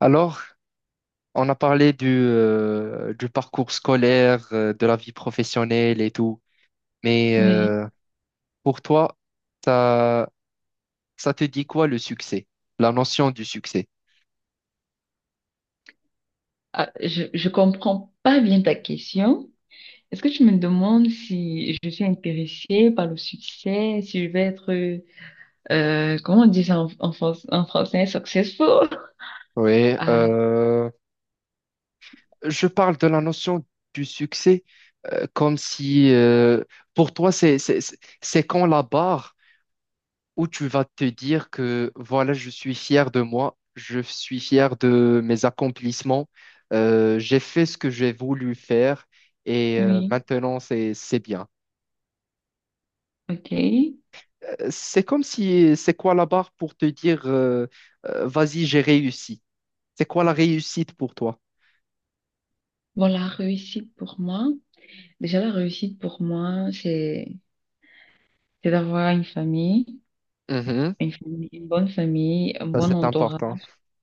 Alors, on a parlé du parcours scolaire, de la vie professionnelle et tout. Mais Oui. euh, pour toi, ça, ça te dit quoi le succès? La notion du succès? Ah, je comprends pas bien ta question. Est-ce que tu me demandes si je suis intéressée par le succès, si je vais être, comment on dit ça en français, successful? Oui, Ah, je parle de la notion du succès, comme si, pour toi, c'est quand la barre où tu vas te dire que voilà, je suis fier de moi, je suis fier de mes accomplissements, j'ai fait ce que j'ai voulu faire et oui, maintenant c'est bien. ok. C'est comme si c'est quoi la barre pour te dire vas-y, j'ai réussi. C'est quoi la réussite pour toi? Bon, la réussite pour moi, déjà la réussite pour moi, c'est d'avoir une famille, Mhm. une famille, une bonne famille, un Ça, bon c'est entourage, important.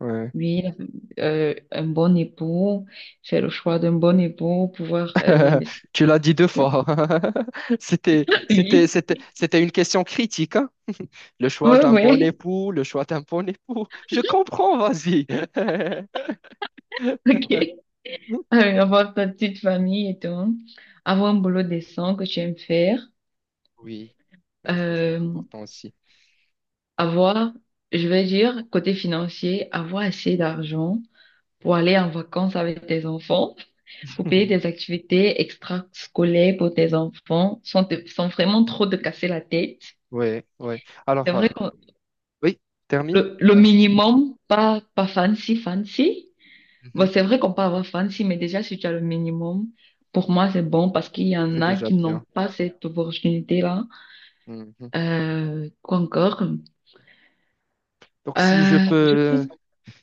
Ouais. oui, un bon époux, faire le choix d'un bon époux, pouvoir investir. Tu l'as dit deux fois. C'était, c'était, Oui. c'était, c'était une question critique, hein. Le choix Ouais, d'un bon ouais, époux, le choix d'un bon époux. Je comprends, vas-y. ok. Avoir ta petite famille et tout. Avoir un boulot décent que tu aimes faire. Oui, oui, ça c'est Euh, important aussi. avoir, je vais dire, côté financier, avoir assez d'argent pour aller en vacances avec tes enfants, pour payer des activités extrascolaires pour tes enfants, sans vraiment trop te casser la tête. Oui, oui. C'est Alors, vrai que oui, termine. le minimum, pas fancy, fancy. Bon, Mhm. c'est vrai qu'on peut avoir fancy, mais déjà, si tu as le minimum, pour moi, c'est bon parce qu'il y en C'est a déjà qui n'ont bien. pas cette opportunité-là. Mhm. Quoi encore? Donc, si je Je pense, peux,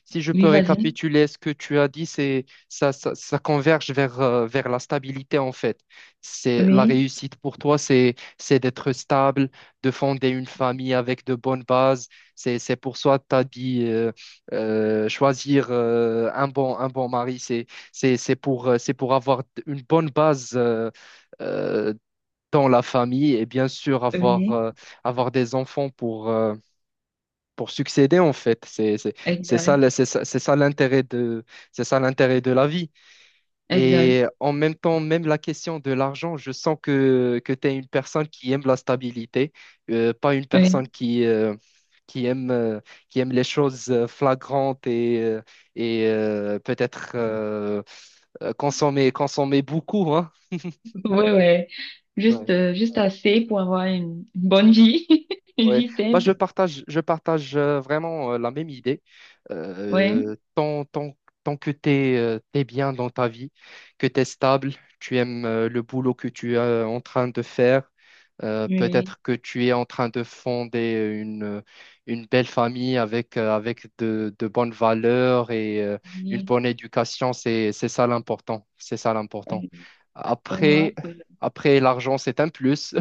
Si je oui, peux vas-y. récapituler ce que tu as dit, c'est ça converge vers, vers la stabilité en fait. C'est la Oui, réussite pour toi, c'est d'être stable, de fonder une famille avec de bonnes bases. C'est pour ça que tu as dit choisir, un bon mari, c'est pour avoir une bonne base, euh, dans la famille et bien sûr avoir oui, euh, avoir des enfants pour succéder en fait. C'est ça exact, le- c'est ça c'est ça l'intérêt de c'est ça l'intérêt de la vie. exact. Et en même temps, même la question de l'argent, je sens que tu es une personne qui aime la stabilité, pas une Oui, personne qui aime euh, qui aime les choses, flagrantes et peut-être, consommer consommer beaucoup, hein. oui, oui. Juste assez pour avoir une bonne vie, une Ouais. vie Bah, simple. je partage vraiment, la même idée. Ouais, Euh, tant, tant, tant que tu es bien dans ta vie, que tu es stable, tu aimes, le boulot que tu es, en train de faire, oui, peut-être que tu es en train de fonder une, une belle famille avec de bonnes valeurs et une oui. bonne éducation, c'est ça l'important. C'est ça Euh, l'important. Pour moi, Après, après, l'argent, c'est un plus.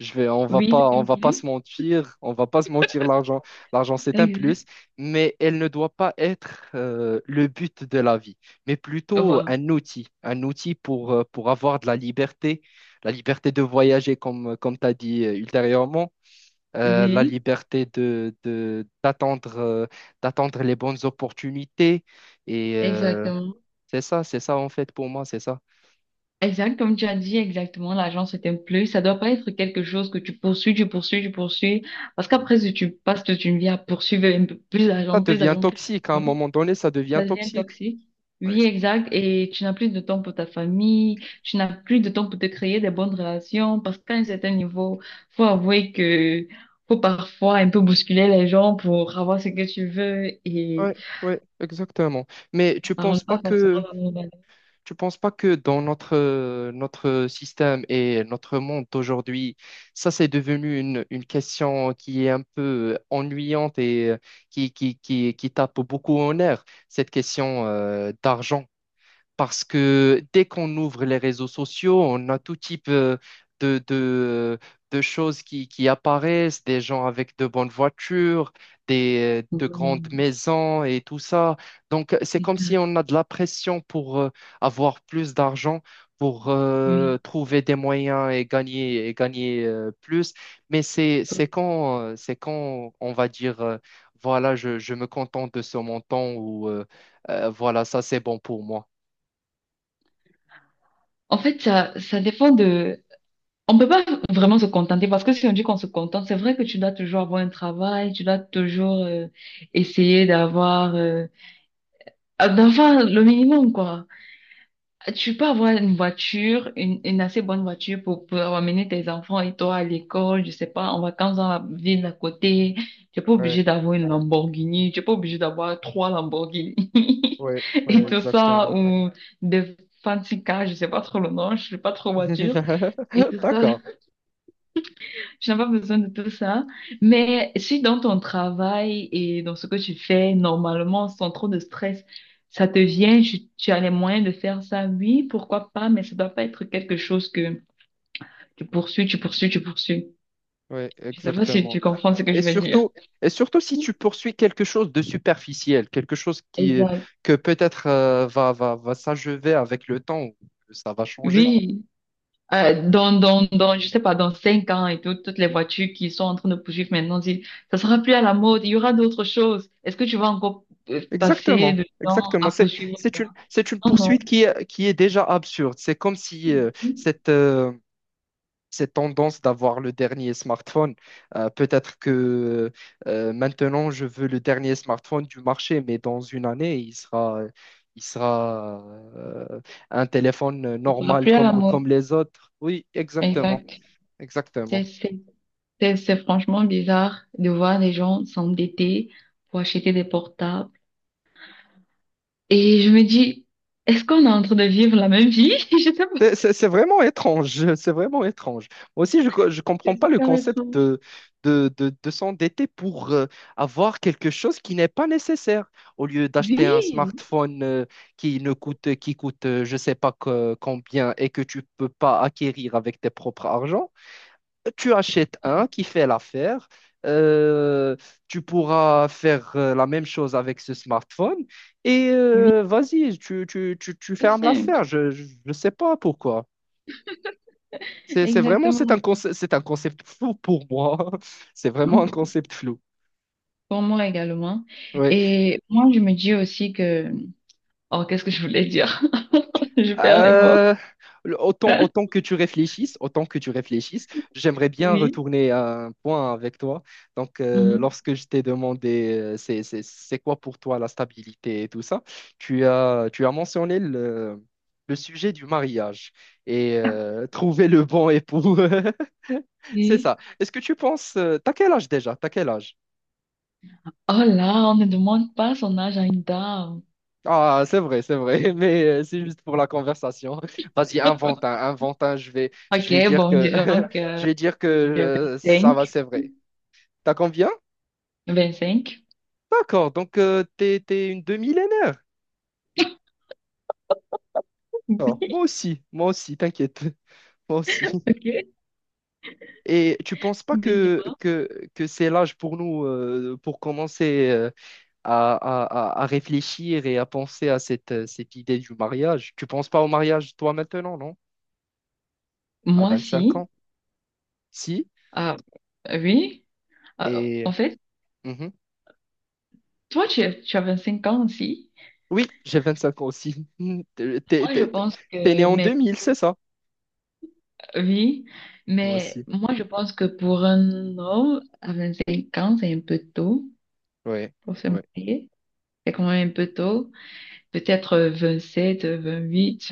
Oui, c'est On un va pas plus. se mentir, on va pas se mentir, l'argent, l'argent c'est un plus, Exact. mais elle ne doit pas être, le but de la vie, mais plutôt Voilà. un outil, pour avoir de la liberté de voyager comme tu as dit, ultérieurement, la Oui, liberté d'attendre les bonnes opportunités, et exactement. C'est ça en fait pour moi, c'est ça. Exact, comme tu as dit exactement, l'argent c'est un plus. Ça doit pas être quelque chose que tu poursuis, tu poursuis, tu poursuis. Parce qu'après, si tu passes toute une vie à poursuivre un peu plus Ça d'argent, plus devient d'argent, plus toxique, à un d'argent, moment donné, ça devient ça devient toxique. toxique. Oui, exact. Et tu n'as plus de temps pour ta famille, tu n'as plus de temps pour te créer des bonnes relations. Parce qu'à un certain niveau, faut avouer que faut parfois un peu bousculer les gens pour avoir ce que tu veux et Ouais, ouais, exactement. Mais tu ça penses rentre pas pas forcément que dans nos valeurs. tu penses pas que dans notre système et notre monde d'aujourd'hui, ça c'est devenu une question qui est un peu, ennuyante et qui tape beaucoup en air, cette question, d'argent, parce que dès qu'on ouvre les réseaux sociaux, on a tout type, de, de, de, choses qui apparaissent, des gens avec de bonnes voitures, de grandes Oui, maisons et tout ça. Donc, c'est comme si exact, on a de la pression pour, avoir plus d'argent, pour, oui. trouver des moyens et gagner plus. Mais c'est quand on va dire, voilà, je me contente de ce montant ou, voilà, ça c'est bon pour moi. En fait, ça dépend de. On peut pas vraiment se contenter parce que si on dit qu'on se contente, c'est vrai que tu dois toujours avoir un travail, tu dois toujours essayer d'avoir le minimum quoi. Tu peux avoir une voiture, une assez bonne voiture pour amener tes enfants et toi à l'école, je sais pas, en vacances dans la ville d'à côté. Tu n'es pas Ouais, obligé d'avoir une Lamborghini, tu n'es pas obligé d'avoir trois Lamborghini ouais, et, ouais, ouais, tout ça exactement. ou des fancy cars, je sais pas trop le nom, je suis pas trop voiture. Et tout ça, D'accord. je n'ai pas besoin de tout ça. Mais si dans ton travail et dans ce que tu fais normalement, sans trop de stress, ça te vient, tu as les moyens de faire ça, oui, pourquoi pas, mais ça doit pas être quelque chose que tu poursuis, tu poursuis, tu poursuis. Oui, Je sais pas si exactement. tu comprends ce que je Et veux dire. surtout, et surtout, si tu poursuis quelque chose de superficiel, quelque chose Exact. que peut-être, va s'achever avec le temps, ou que ça va changer. Oui. Je sais pas, dans 5 ans et tout, toutes les voitures qui sont en train de poursuivre maintenant disent, ça sera plus à la mode, il y aura d'autres choses. Est-ce que tu vas encore passer Exactement. de temps Exactement. à C'est poursuivre c'est ça? une c'est une Non, poursuite qui est déjà absurde. C'est comme si, non. cette cette tendance d'avoir le dernier smartphone. Peut-être que, maintenant, je veux le dernier smartphone du marché, mais dans une année, il sera euh, un téléphone Il sera normal plus à la comme, mode. comme les autres. Oui, exactement, Exact. C'est exactement. c'est- c'est franchement bizarre de voir les gens s'endetter pour acheter des portables. Et je me dis, est-ce qu'on est en train de vivre la même vie? Je sais pas. C'est vraiment étrange, c'est vraiment étrange. Moi aussi, je ne comprends C'est pas le super concept étrange. de, s'endetter pour, avoir quelque chose qui n'est pas nécessaire. Au lieu d'acheter un Oui, smartphone, qui coûte, je ne sais pas combien et que tu peux pas acquérir avec tes propres argent, tu achètes un qui fait l'affaire. Euh, Tu pourras faire, la même chose avec ce smartphone et oui, euh, vas-y, tu c'est fermes simple. l'affaire. Je ne sais pas pourquoi. C'est c'est vraiment c'est un Exactement. concept c'est un concept flou pour moi. C'est vraiment un concept flou. Pour moi également. Ouais. Et moi, je me dis aussi que... Oh, qu'est-ce que je voulais dire? Je perds les mots. Euh, autant que tu réfléchisses, autant que tu réfléchisses, j'aimerais bien Oui. retourner à un point avec toi. Donc, Mhm. lorsque je t'ai demandé, c'est quoi pour toi la stabilité et tout ça, tu as mentionné le sujet du mariage et trouver le bon époux. C'est Oui. ça. Est-ce que tu penses t'as quel âge déjà? T'as quel âge? Oh là, on ne demande pas son âge à une dame. Ah, c'est vrai, mais, c'est juste pour la conversation. Vas-y, invente un, je vais Ok, dire bon que, disons je que vais dire que, j'ai ça vingt-cinq va, c'est vrai. T'as combien? vingt-cinq. D'accord, donc, t'es une demi-millénaire. D'accord, moi aussi, t'inquiète, moi aussi. Ok, Et tu penses pas mais que, dis-moi. que, que c'est l'âge pour nous, pour commencer, à, à, à réfléchir et à penser à cette idée du mariage? Tu penses pas au mariage toi maintenant, non? À Moi 25 si. ans? Si, Ah, oui. Ah, et... en fait, mhm. toi, tu as 25 ans aussi. Oui, j'ai 25 ans aussi. T'es t'es- Moi, je t'es- pense t'es né que, en deux mais mille, c'est ça? oui, Moi mais aussi. moi, je pense que pour un homme à 25 ans, c'est un peu tôt Ouais, pour se ouais. marier. C'est quand même un peu tôt. Peut-être 27, 28.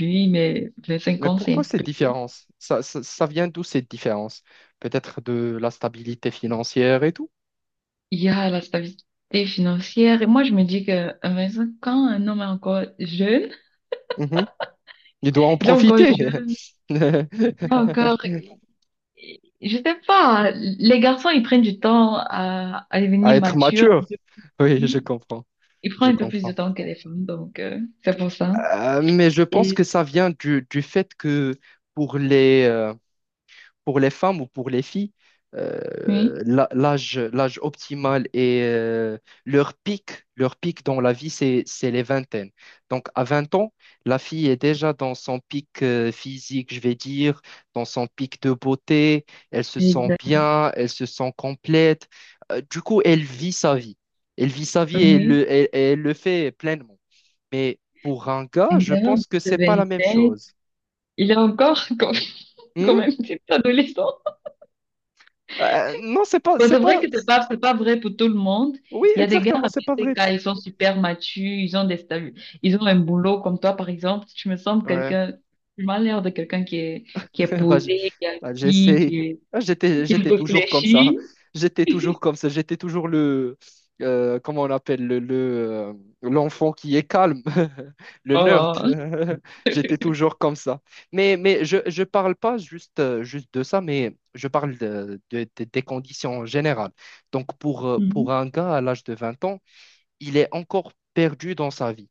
Oui, mais 25 Mais ans, c'est pourquoi un cette peu. différence? Ça, ça vient d'où cette différence? Peut-être de la stabilité financière et tout. Il y a la stabilité financière. Et moi, je me dis que à 25 ans, un homme est encore jeune, Mhm. Il doit en il est encore profiter. jeune, il est encore, je sais pas, les garçons, ils prennent du temps à À devenir être matures. mature. Oui, je Ils comprends. ils Je prennent un peu plus de comprends. temps que les femmes, donc c'est pour ça. Mais je pense Et que ça vient du fait que pour les, euh, pour les femmes ou pour les filles, oui, l'âge optimal et leur pic dans la vie, c'est les vingtaines. Donc, à 20 ans, la fille est déjà dans son pic, physique, je vais dire, dans son pic de beauté. Elle se sent exact, bien, elle se sent complète. Du coup, elle vit sa vie. Elle vit sa vie et oui, et elle le fait pleinement. Mais pour un gars, une je gamin pense que de c'est pas la même 27, chose. il est encore comme, comme Hmm? un petit adolescent. Non, c'est pas, Bon, c'est c'est vrai pas. que c'est pas vrai pour tout le monde. Oui, Il y a des gars exactement, à c'est pas vrai. BTK, ils sont super matures, ils ont un boulot comme toi, par exemple. Tu me sembles Ouais. quelqu'un, tu m'as l'air de quelqu'un qui est Bah, posé, qui est j'ai assis, essayé. qui est, Ah, J'étais, qui j'étais toujours comme ça. réfléchit. J'étais toujours comme ça. J'étais toujours le, comment on appelle, euh, l'enfant qui est calme, le nerd. Oh. J'étais toujours comme ça. Mais, je parle pas juste de ça, mais je parle de, des conditions générales. Donc, pour Mhm. un gars à l'âge de 20 ans, il est encore perdu dans sa vie.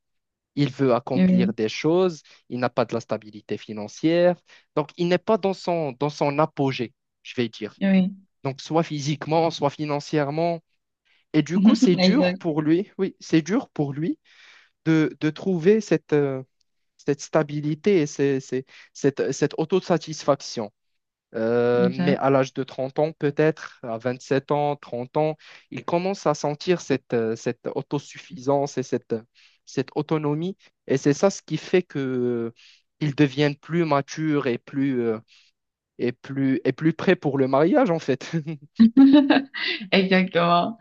Il veut accomplir Oui, des choses, il n'a pas de la stabilité financière, donc il n'est pas dans son, apogée, je vais dire. oui. Donc soit physiquement, soit financièrement. Et du coup, c'est dur Exact, pour lui, oui, c'est dur pour lui de trouver cette stabilité et cette autosatisfaction. Mais exact. à l'âge de 30 ans, peut-être, à 27 ans, 30 ans, il commence à sentir cette autosuffisance et cette autonomie. Et c'est ça ce qui fait que, ils deviennent plus matures et plus, et plus prêts pour le mariage, en fait. Exactement.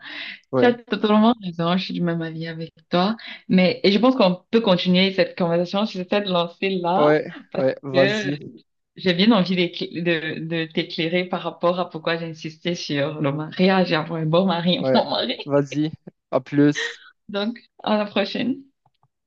Tu as Ouais, totalement raison, je suis du même avis avec toi. Mais, et je pense qu'on peut continuer cette conversation sur cette lancée-là, ouais, parce que j'ai bien envie de t'éclairer par rapport à pourquoi j'ai insisté sur le mariage et avoir un bon mari, un bon ouais, mari. vas-y, à plus. Donc, à la prochaine.